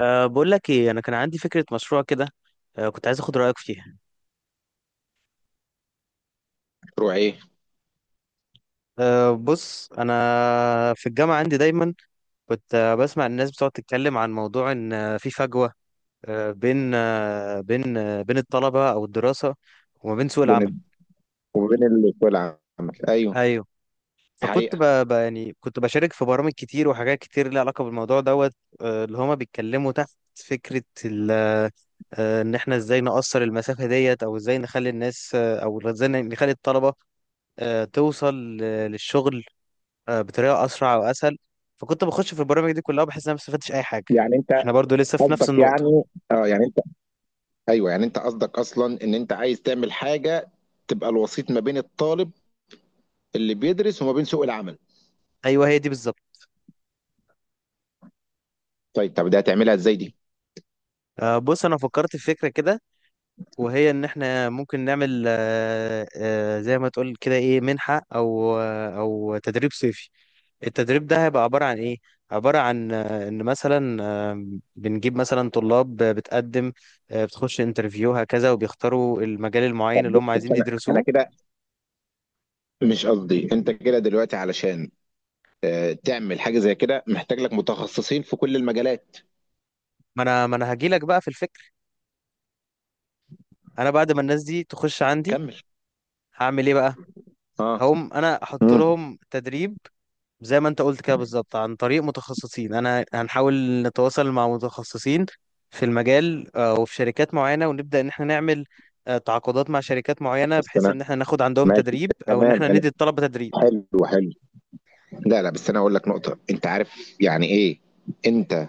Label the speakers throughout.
Speaker 1: بقول لك ايه، انا كان عندي فكره مشروع كده. كنت عايز اخد رايك فيها.
Speaker 2: مشروع ايه؟
Speaker 1: بص، انا في الجامعه عندي دايما كنت بسمع الناس بتقعد تتكلم عن موضوع ان في فجوه أه بين أه بين أه بين الطلبه او الدراسه وما بين سوق
Speaker 2: بين
Speaker 1: العمل.
Speaker 2: ال... وبين السوق العام. ايوه،
Speaker 1: ايوه.
Speaker 2: دي
Speaker 1: فكنت
Speaker 2: حقيقه.
Speaker 1: يعني كنت بشارك في برامج كتير وحاجات كتير ليها علاقه بالموضوع دوت. اللي هما بيتكلموا تحت فكره ان احنا ازاي نقصر المسافه ديت، او ازاي نخلي الناس، او ازاي نخلي الطلبه توصل للشغل بطريقه اسرع واسهل. فكنت بخش في البرامج دي كلها وبحس ان انا ما استفدتش اي حاجه.
Speaker 2: يعني انت
Speaker 1: احنا برضو لسه في نفس
Speaker 2: قصدك،
Speaker 1: النقطه.
Speaker 2: يعني اه، يعني انت، ايوه يعني انت قصدك اصلا ان انت عايز تعمل حاجه تبقى الوسيط ما بين الطالب اللي بيدرس وما بين سوق العمل.
Speaker 1: ايوه، هي دي بالظبط.
Speaker 2: طيب، طب ده هتعملها ازاي دي؟
Speaker 1: بص انا فكرت في فكره كده، وهي ان احنا ممكن نعمل زي ما تقول كده، ايه، منحه او تدريب صيفي. التدريب ده هيبقى عباره عن ايه؟ عباره عن ان مثلا بنجيب مثلا طلاب بتقدم، بتخش انترفيو هكذا وبيختاروا المجال المعين اللي هم
Speaker 2: بس
Speaker 1: عايزين
Speaker 2: انا
Speaker 1: يدرسوه.
Speaker 2: كده، مش قصدي انت كده دلوقتي علشان تعمل حاجه زي كده محتاج لك متخصصين في كل المجالات.
Speaker 1: ما انا هجيلك بقى في الفكره. انا بعد ما الناس دي تخش عندي
Speaker 2: كمل.
Speaker 1: هعمل ايه بقى؟
Speaker 2: اه.
Speaker 1: هقوم انا احط
Speaker 2: امم
Speaker 1: لهم تدريب، زي ما انت قلت كده بالظبط، عن طريق متخصصين. انا هنحاول نتواصل مع متخصصين في المجال، وفي شركات معينة، ونبدأ ان احنا نعمل تعاقدات مع شركات معينة،
Speaker 2: بس
Speaker 1: بحيث
Speaker 2: انا،
Speaker 1: ان احنا ناخد عندهم
Speaker 2: ماشي،
Speaker 1: تدريب او ان
Speaker 2: تمام،
Speaker 1: احنا
Speaker 2: انا،
Speaker 1: ندي الطلبة تدريب.
Speaker 2: حلو حلو. لا لا، بس انا اقول لك نقطه. انت عارف يعني ايه؟ انت،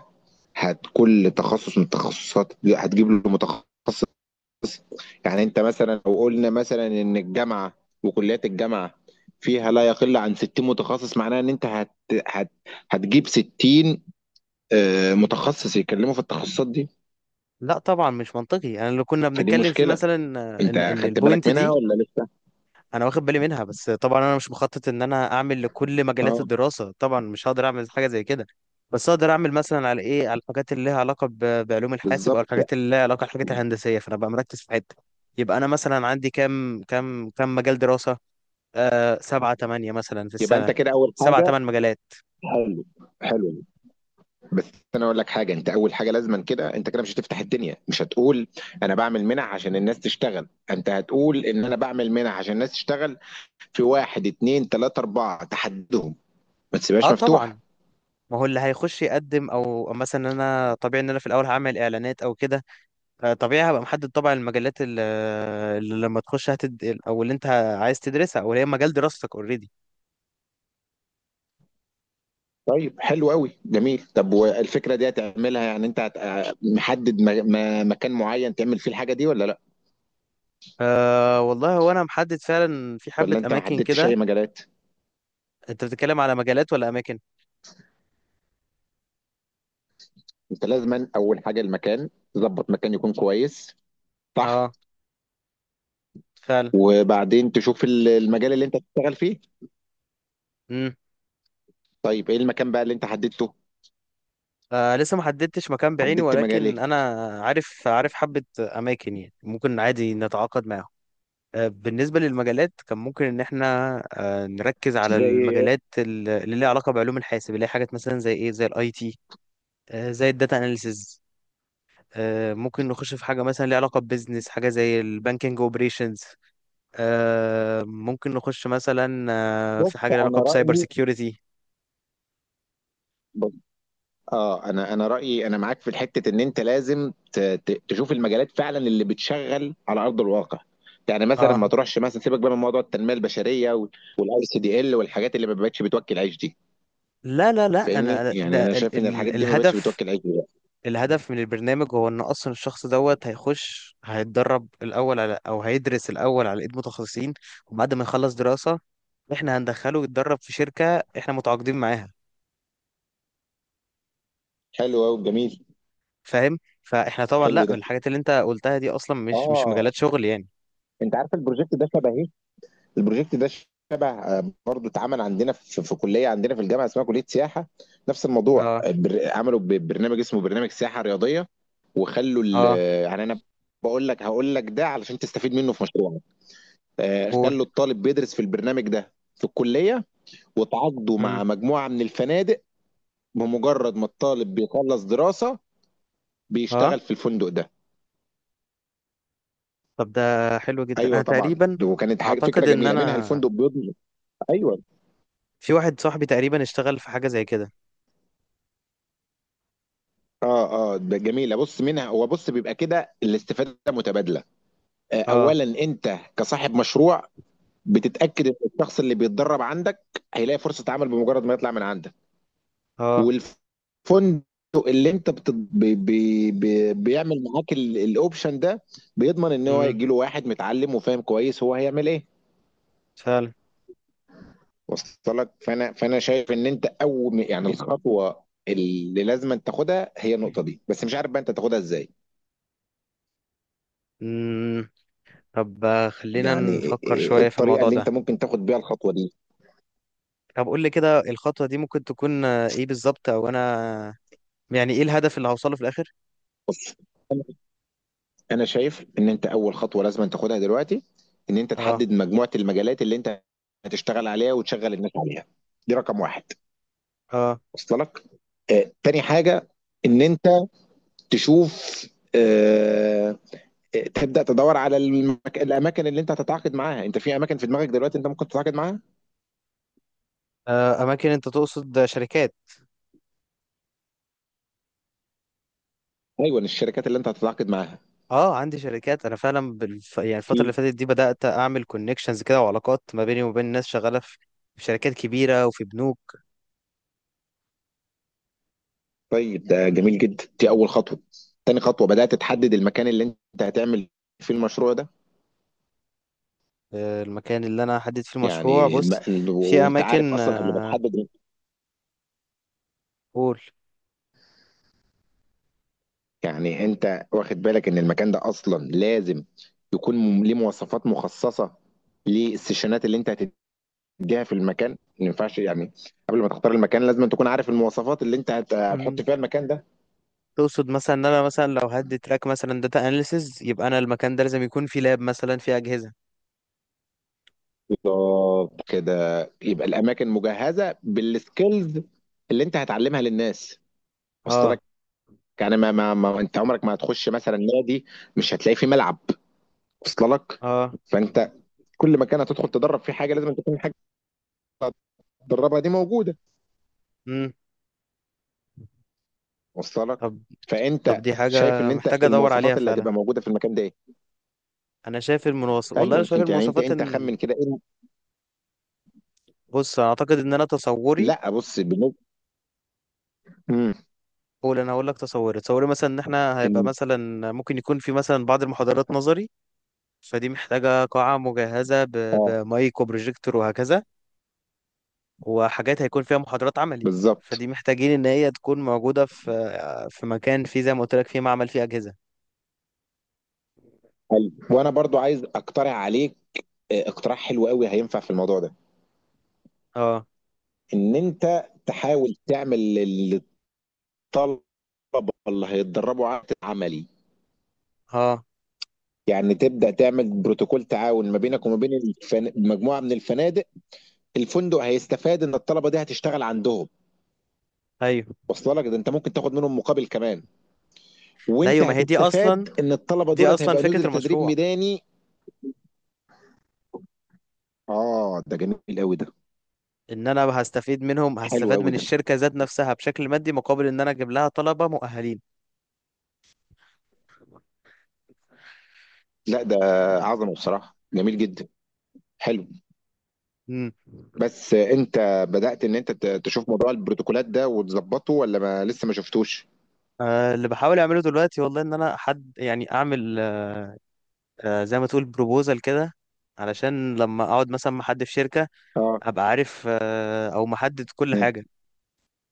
Speaker 2: هت كل تخصص من التخصصات هتجيب له متخصص. يعني انت مثلا لو قلنا مثلا ان الجامعه وكليات الجامعه فيها لا يقل عن 60 متخصص، معناها ان انت هت... هتجيب 60 متخصص يتكلموا في التخصصات دي.
Speaker 1: لا طبعا مش منطقي. انا اللي كنا
Speaker 2: فدي
Speaker 1: بنتكلم فيه
Speaker 2: مشكله.
Speaker 1: مثلا،
Speaker 2: انت
Speaker 1: ان
Speaker 2: خدت بالك
Speaker 1: البوينت
Speaker 2: منها
Speaker 1: دي
Speaker 2: ولا لسه؟
Speaker 1: انا واخد بالي منها. بس طبعا انا مش مخطط ان انا اعمل لكل مجالات
Speaker 2: اه،
Speaker 1: الدراسه، طبعا مش هقدر اعمل حاجه زي كده. بس اقدر اعمل مثلا على ايه، على الحاجات اللي لها علاقه بعلوم الحاسب، او
Speaker 2: بالظبط.
Speaker 1: الحاجات اللي لها علاقه بالحاجات الهندسيه. فانا بقى مركز في حته. يبقى انا مثلا عندي كام مجال دراسه، سبعة تمانية مثلا في
Speaker 2: يبقى
Speaker 1: السنه،
Speaker 2: انت كده اول
Speaker 1: سبعة
Speaker 2: حاجه،
Speaker 1: تمن مجالات.
Speaker 2: حلو حلو. بس انا اقول لك حاجه. انت اول حاجه لازما كده، انت كده مش هتفتح الدنيا، مش هتقول انا بعمل منح عشان الناس تشتغل، انت هتقول ان انا بعمل منح عشان الناس تشتغل في واحد اتنين تلاته اربعه، تحدهم، ما
Speaker 1: اه
Speaker 2: تسيبهاش مفتوحه.
Speaker 1: طبعا. ما هو اللي هيخش يقدم، او مثلا انا طبيعي ان انا في الاول هعمل اعلانات او كده. طبيعي هبقى محدد طبعا المجالات اللي لما تخش او اللي انت عايز تدرسها، او اللي هي مجال دراستك اوريدي.
Speaker 2: طيب، حلو قوي، جميل. طب والفكره دي هتعملها يعني انت هت... محدد مكان معين تعمل فيه الحاجه دي ولا لا؟
Speaker 1: والله هو انا محدد فعلا في حبة
Speaker 2: ولا انت ما
Speaker 1: اماكن
Speaker 2: حددتش
Speaker 1: كده.
Speaker 2: اي مجالات؟
Speaker 1: انت بتتكلم على مجالات ولا اماكن؟
Speaker 2: انت لازما اول حاجه المكان، تظبط مكان يكون كويس. صح.
Speaker 1: اه فعلا.
Speaker 2: وبعدين تشوف المجال اللي انت هتشتغل فيه.
Speaker 1: امم.
Speaker 2: طيب ايه المكان بقى اللي انت حددته؟
Speaker 1: لسه ما حددتش مكان بعيني،
Speaker 2: حددت مجال
Speaker 1: ولكن
Speaker 2: ايه؟
Speaker 1: انا عارف حبة اماكن، يعني ممكن عادي نتعاقد معاهم. بالنسبة للمجالات، كان ممكن ان احنا نركز على
Speaker 2: زي،
Speaker 1: المجالات اللي ليها علاقة بعلوم الحاسب، اللي هي حاجات مثلا زي ايه، زي الاي تي، زي الداتا اناليسز. ممكن نخش في حاجة مثلا ليها علاقة ببيزنس، حاجة زي البانكينج اوبريشنز. ممكن نخش مثلا
Speaker 2: بص
Speaker 1: في حاجة ليها علاقة
Speaker 2: انا
Speaker 1: بسايبر
Speaker 2: رايي،
Speaker 1: سيكيورتي.
Speaker 2: بص، اه انا رايي، انا معاك في الحته ان انت لازم تشوف المجالات فعلا اللي بتشغل على ارض الواقع. يعني مثلا
Speaker 1: اه.
Speaker 2: ما تروحش مثلا، سيبك بقى من موضوع التنميه البشريه والاي سي دي ال والحاجات اللي ما بقتش بتوكل عيش دي.
Speaker 1: لا، لا، لا،
Speaker 2: فاهمني؟
Speaker 1: انا
Speaker 2: يعني
Speaker 1: ده
Speaker 2: انا
Speaker 1: ال
Speaker 2: شايف ان الحاجات
Speaker 1: ال
Speaker 2: دي ما بقتش
Speaker 1: الهدف.
Speaker 2: بتوكل عيش دلوقتي.
Speaker 1: الهدف من البرنامج هو ان اصلا الشخص دوت هيخش هيتدرب الاول على، او هيدرس الاول على ايد متخصصين، وبعد ما يخلص دراسة احنا هندخله يتدرب في شركة احنا متعاقدين معاها.
Speaker 2: حلو قوي، جميل.
Speaker 1: فاهم؟ فاحنا طبعا
Speaker 2: حلو
Speaker 1: لا،
Speaker 2: ده.
Speaker 1: الحاجات اللي انت قلتها دي اصلا مش
Speaker 2: اه.
Speaker 1: مجالات شغل يعني.
Speaker 2: انت عارف البروجكت ده شبه، البروجكت ده شبه برضه اتعمل عندنا في كليه عندنا في الجامعه اسمها كليه سياحه. نفس الموضوع
Speaker 1: اه.
Speaker 2: عملوا برنامج اسمه برنامج سياحه رياضيه وخلوا ال-
Speaker 1: اه،
Speaker 2: يعني انا بقول لك، هقول لك ده علشان تستفيد منه في مشروعك.
Speaker 1: قول.
Speaker 2: خلوا الطالب بيدرس في البرنامج ده في الكليه وتعاقدوا مع
Speaker 1: امم.
Speaker 2: مجموعه من الفنادق. بمجرد ما الطالب بيخلص دراسه
Speaker 1: اه.
Speaker 2: بيشتغل في الفندق ده.
Speaker 1: طب ده حلو جدا. انا
Speaker 2: ايوه طبعا،
Speaker 1: تقريبا
Speaker 2: وكانت حاجه، فكره
Speaker 1: اعتقد ان
Speaker 2: جميله منها
Speaker 1: انا،
Speaker 2: الفندق بيضمن. ايوه.
Speaker 1: في واحد صاحبي تقريبا اشتغل في حاجه زي كده.
Speaker 2: اه اه ده جميله، بص منها، هو بص بيبقى كده الاستفاده متبادله.
Speaker 1: اه،
Speaker 2: اولا انت كصاحب مشروع بتتاكد ان الشخص اللي بيتدرب عندك هيلاقي فرصه عمل بمجرد ما يطلع من عندك.
Speaker 1: اه.
Speaker 2: والفندق اللي انت بت... بي... بي... بي... بيعمل معاك الاوبشن ده، بيضمن ان هو
Speaker 1: امم،
Speaker 2: يجي له واحد متعلم وفاهم كويس هو هيعمل ايه.
Speaker 1: فعلا.
Speaker 2: وصل لك؟ فانا شايف ان انت اول يعني الخطوه اللي لازم تاخدها هي النقطه دي، بس مش عارف بقى انت تاخدها ازاي.
Speaker 1: امم. طب، خلينا
Speaker 2: يعني
Speaker 1: نفكر
Speaker 2: إيه
Speaker 1: شويه في
Speaker 2: الطريقه
Speaker 1: الموضوع
Speaker 2: اللي
Speaker 1: ده.
Speaker 2: انت ممكن تاخد بيها الخطوه دي؟
Speaker 1: طب قول لي كده، الخطوه دي ممكن تكون ايه بالظبط؟ او انا يعني ايه الهدف اللي هوصله في الاخر؟
Speaker 2: بص، انا شايف ان انت اول خطوه لازم تاخدها دلوقتي ان انت
Speaker 1: اه.
Speaker 2: تحدد مجموعه المجالات اللي انت هتشتغل عليها وتشغل الناس عليها. دي رقم واحد.
Speaker 1: اه.
Speaker 2: وصل لك. تاني حاجه ان انت تشوف آه، تبدا تدور على الاماكن اللي انت هتتعاقد معاها. انت في اماكن في دماغك دلوقتي انت ممكن تتعاقد معاها؟
Speaker 1: اماكن انت تقصد، شركات؟
Speaker 2: ايوه الشركات اللي انت هتتعاقد معاها
Speaker 1: اه، عندي شركات انا فعلا يعني الفتره اللي
Speaker 2: في.
Speaker 1: فاتت دي بدات اعمل كونكشنز كده، وعلاقات ما بيني وبين ناس شغاله في شركات كبيره وفي بنوك.
Speaker 2: طيب ده جميل جدا، دي اول خطوه. تاني خطوه بدات تحدد المكان اللي انت هتعمل فيه المشروع ده.
Speaker 1: المكان اللي انا هحدد فيه المشروع،
Speaker 2: يعني الم...
Speaker 1: بص،
Speaker 2: ال-
Speaker 1: في
Speaker 2: وانت عارف
Speaker 1: اماكن
Speaker 2: اصلا قبل ما تحدد،
Speaker 1: قول.
Speaker 2: يعني انت واخد بالك ان المكان ده اصلا لازم يكون ليه مواصفات مخصصه للسيشنات اللي انت هتديها في المكان. ما ينفعش يعني قبل ما تختار المكان لازم تكون عارف المواصفات اللي انت هت... هتحط
Speaker 1: مم.
Speaker 2: فيها المكان ده.
Speaker 1: تقصد مثلا ان انا مثلا لو هدي تراك مثلا داتا اناليسز، يبقى انا المكان ده لازم يكون فيه لاب مثلا، فيه اجهزه.
Speaker 2: بالظبط كده، يبقى الاماكن مجهزه بالسكيلز اللي انت هتعلمها للناس. وصل؟
Speaker 1: اه.
Speaker 2: يعني ما انت عمرك ما هتخش مثلا نادي مش هتلاقي فيه ملعب. وصل لك؟
Speaker 1: اه.
Speaker 2: فانت كل مكان هتدخل تدرب فيه حاجه لازم تكون الحاجه اللي هتدربها دي موجوده.
Speaker 1: امم.
Speaker 2: وصل لك؟
Speaker 1: طب طب
Speaker 2: فانت
Speaker 1: دي
Speaker 2: شايف
Speaker 1: حاجه
Speaker 2: ان انت
Speaker 1: محتاجه ادور عليها
Speaker 2: المواصفات اللي
Speaker 1: فعلا.
Speaker 2: هتبقى موجوده في المكان ده ايه؟
Speaker 1: انا شايف المنوصف، والله انا
Speaker 2: ايوه،
Speaker 1: شايف
Speaker 2: انت يعني انت
Speaker 1: المواصفات
Speaker 2: انت
Speaker 1: ان،
Speaker 2: خمن كده ايه؟
Speaker 1: بص انا اعتقد ان انا تصوري.
Speaker 2: لا، بص بالنسبه، امم
Speaker 1: قول. انا هقول لك تصوري. تصوري مثلا ان احنا هيبقى
Speaker 2: ان،
Speaker 1: مثلا ممكن يكون في مثلا بعض المحاضرات نظري، فدي محتاجة قاعة مجهزة
Speaker 2: اه
Speaker 1: بمايك وبروجيكتور وهكذا. وحاجات هيكون فيها محاضرات عملي،
Speaker 2: بالظبط.
Speaker 1: فدي محتاجين ان هي تكون موجودة في مكان، فيه زي ما قلت لك فيه معمل، فيه أجهزة.
Speaker 2: حلو. وانا برضو عايز اقترح عليك اقتراح حلو قوي هينفع في الموضوع ده.
Speaker 1: اه.
Speaker 2: ان انت تحاول تعمل للطلبه اللي هيتدربوا عمل عملي.
Speaker 1: اه.
Speaker 2: يعني تبدأ تعمل بروتوكول تعاون ما بينك وما بين مجموعة من الفنادق. الفندق هيستفاد ان الطلبة دي هتشتغل عندهم.
Speaker 1: ايوه.
Speaker 2: واصله لك؟ ده انت ممكن تاخد منهم مقابل كمان.
Speaker 1: لا
Speaker 2: وانت
Speaker 1: ايوه، ما هي دي اصلا،
Speaker 2: هتستفاد ان الطلبة
Speaker 1: دي
Speaker 2: دولت
Speaker 1: اصلا
Speaker 2: هيبقى
Speaker 1: فكرة
Speaker 2: نزل تدريب
Speaker 1: المشروع.
Speaker 2: ميداني. اه، ده جميل قوي ده.
Speaker 1: ان انا هستفيد منهم،
Speaker 2: حلو
Speaker 1: هستفاد
Speaker 2: قوي
Speaker 1: من
Speaker 2: ده.
Speaker 1: الشركة ذات نفسها بشكل مادي مقابل ان انا اجيب لها طلبة مؤهلين.
Speaker 2: لا، ده عظمة بصراحة، جميل جدا. حلو.
Speaker 1: امم.
Speaker 2: بس انت بدأت ان انت تشوف موضوع البروتوكولات ده وتظبطه ولا ما لسه ما شفتوش؟
Speaker 1: اللي بحاول اعمله دلوقتي والله، ان انا حد يعني اعمل زي ما تقول بروبوزال كده، علشان لما اقعد مثلا مع حد في شركة،
Speaker 2: اه.
Speaker 1: ابقى عارف او محدد كل
Speaker 2: مم.
Speaker 1: حاجة.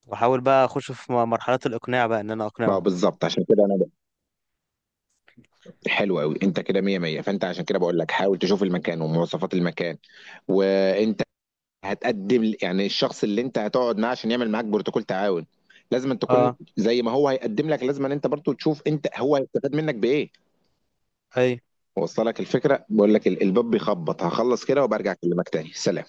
Speaker 1: واحاول بقى اخش في مرحلة الاقناع بقى، ان انا
Speaker 2: بقى
Speaker 1: اقنعهم.
Speaker 2: بالظبط، عشان كده حلو قوي انت كده مية مية. فانت عشان كده بقول لك حاول تشوف المكان ومواصفات المكان. وانت هتقدم يعني الشخص اللي انت هتقعد معاه عشان يعمل معاك بروتوكول تعاون لازم أن تكون
Speaker 1: اه.
Speaker 2: زي ما هو هيقدم لك لازم أن انت برضو تشوف انت هو هيستفاد منك بايه.
Speaker 1: اي.
Speaker 2: وصل لك الفكرة؟ بقول لك الباب بيخبط، هخلص كده وبرجع اكلمك تاني. سلام.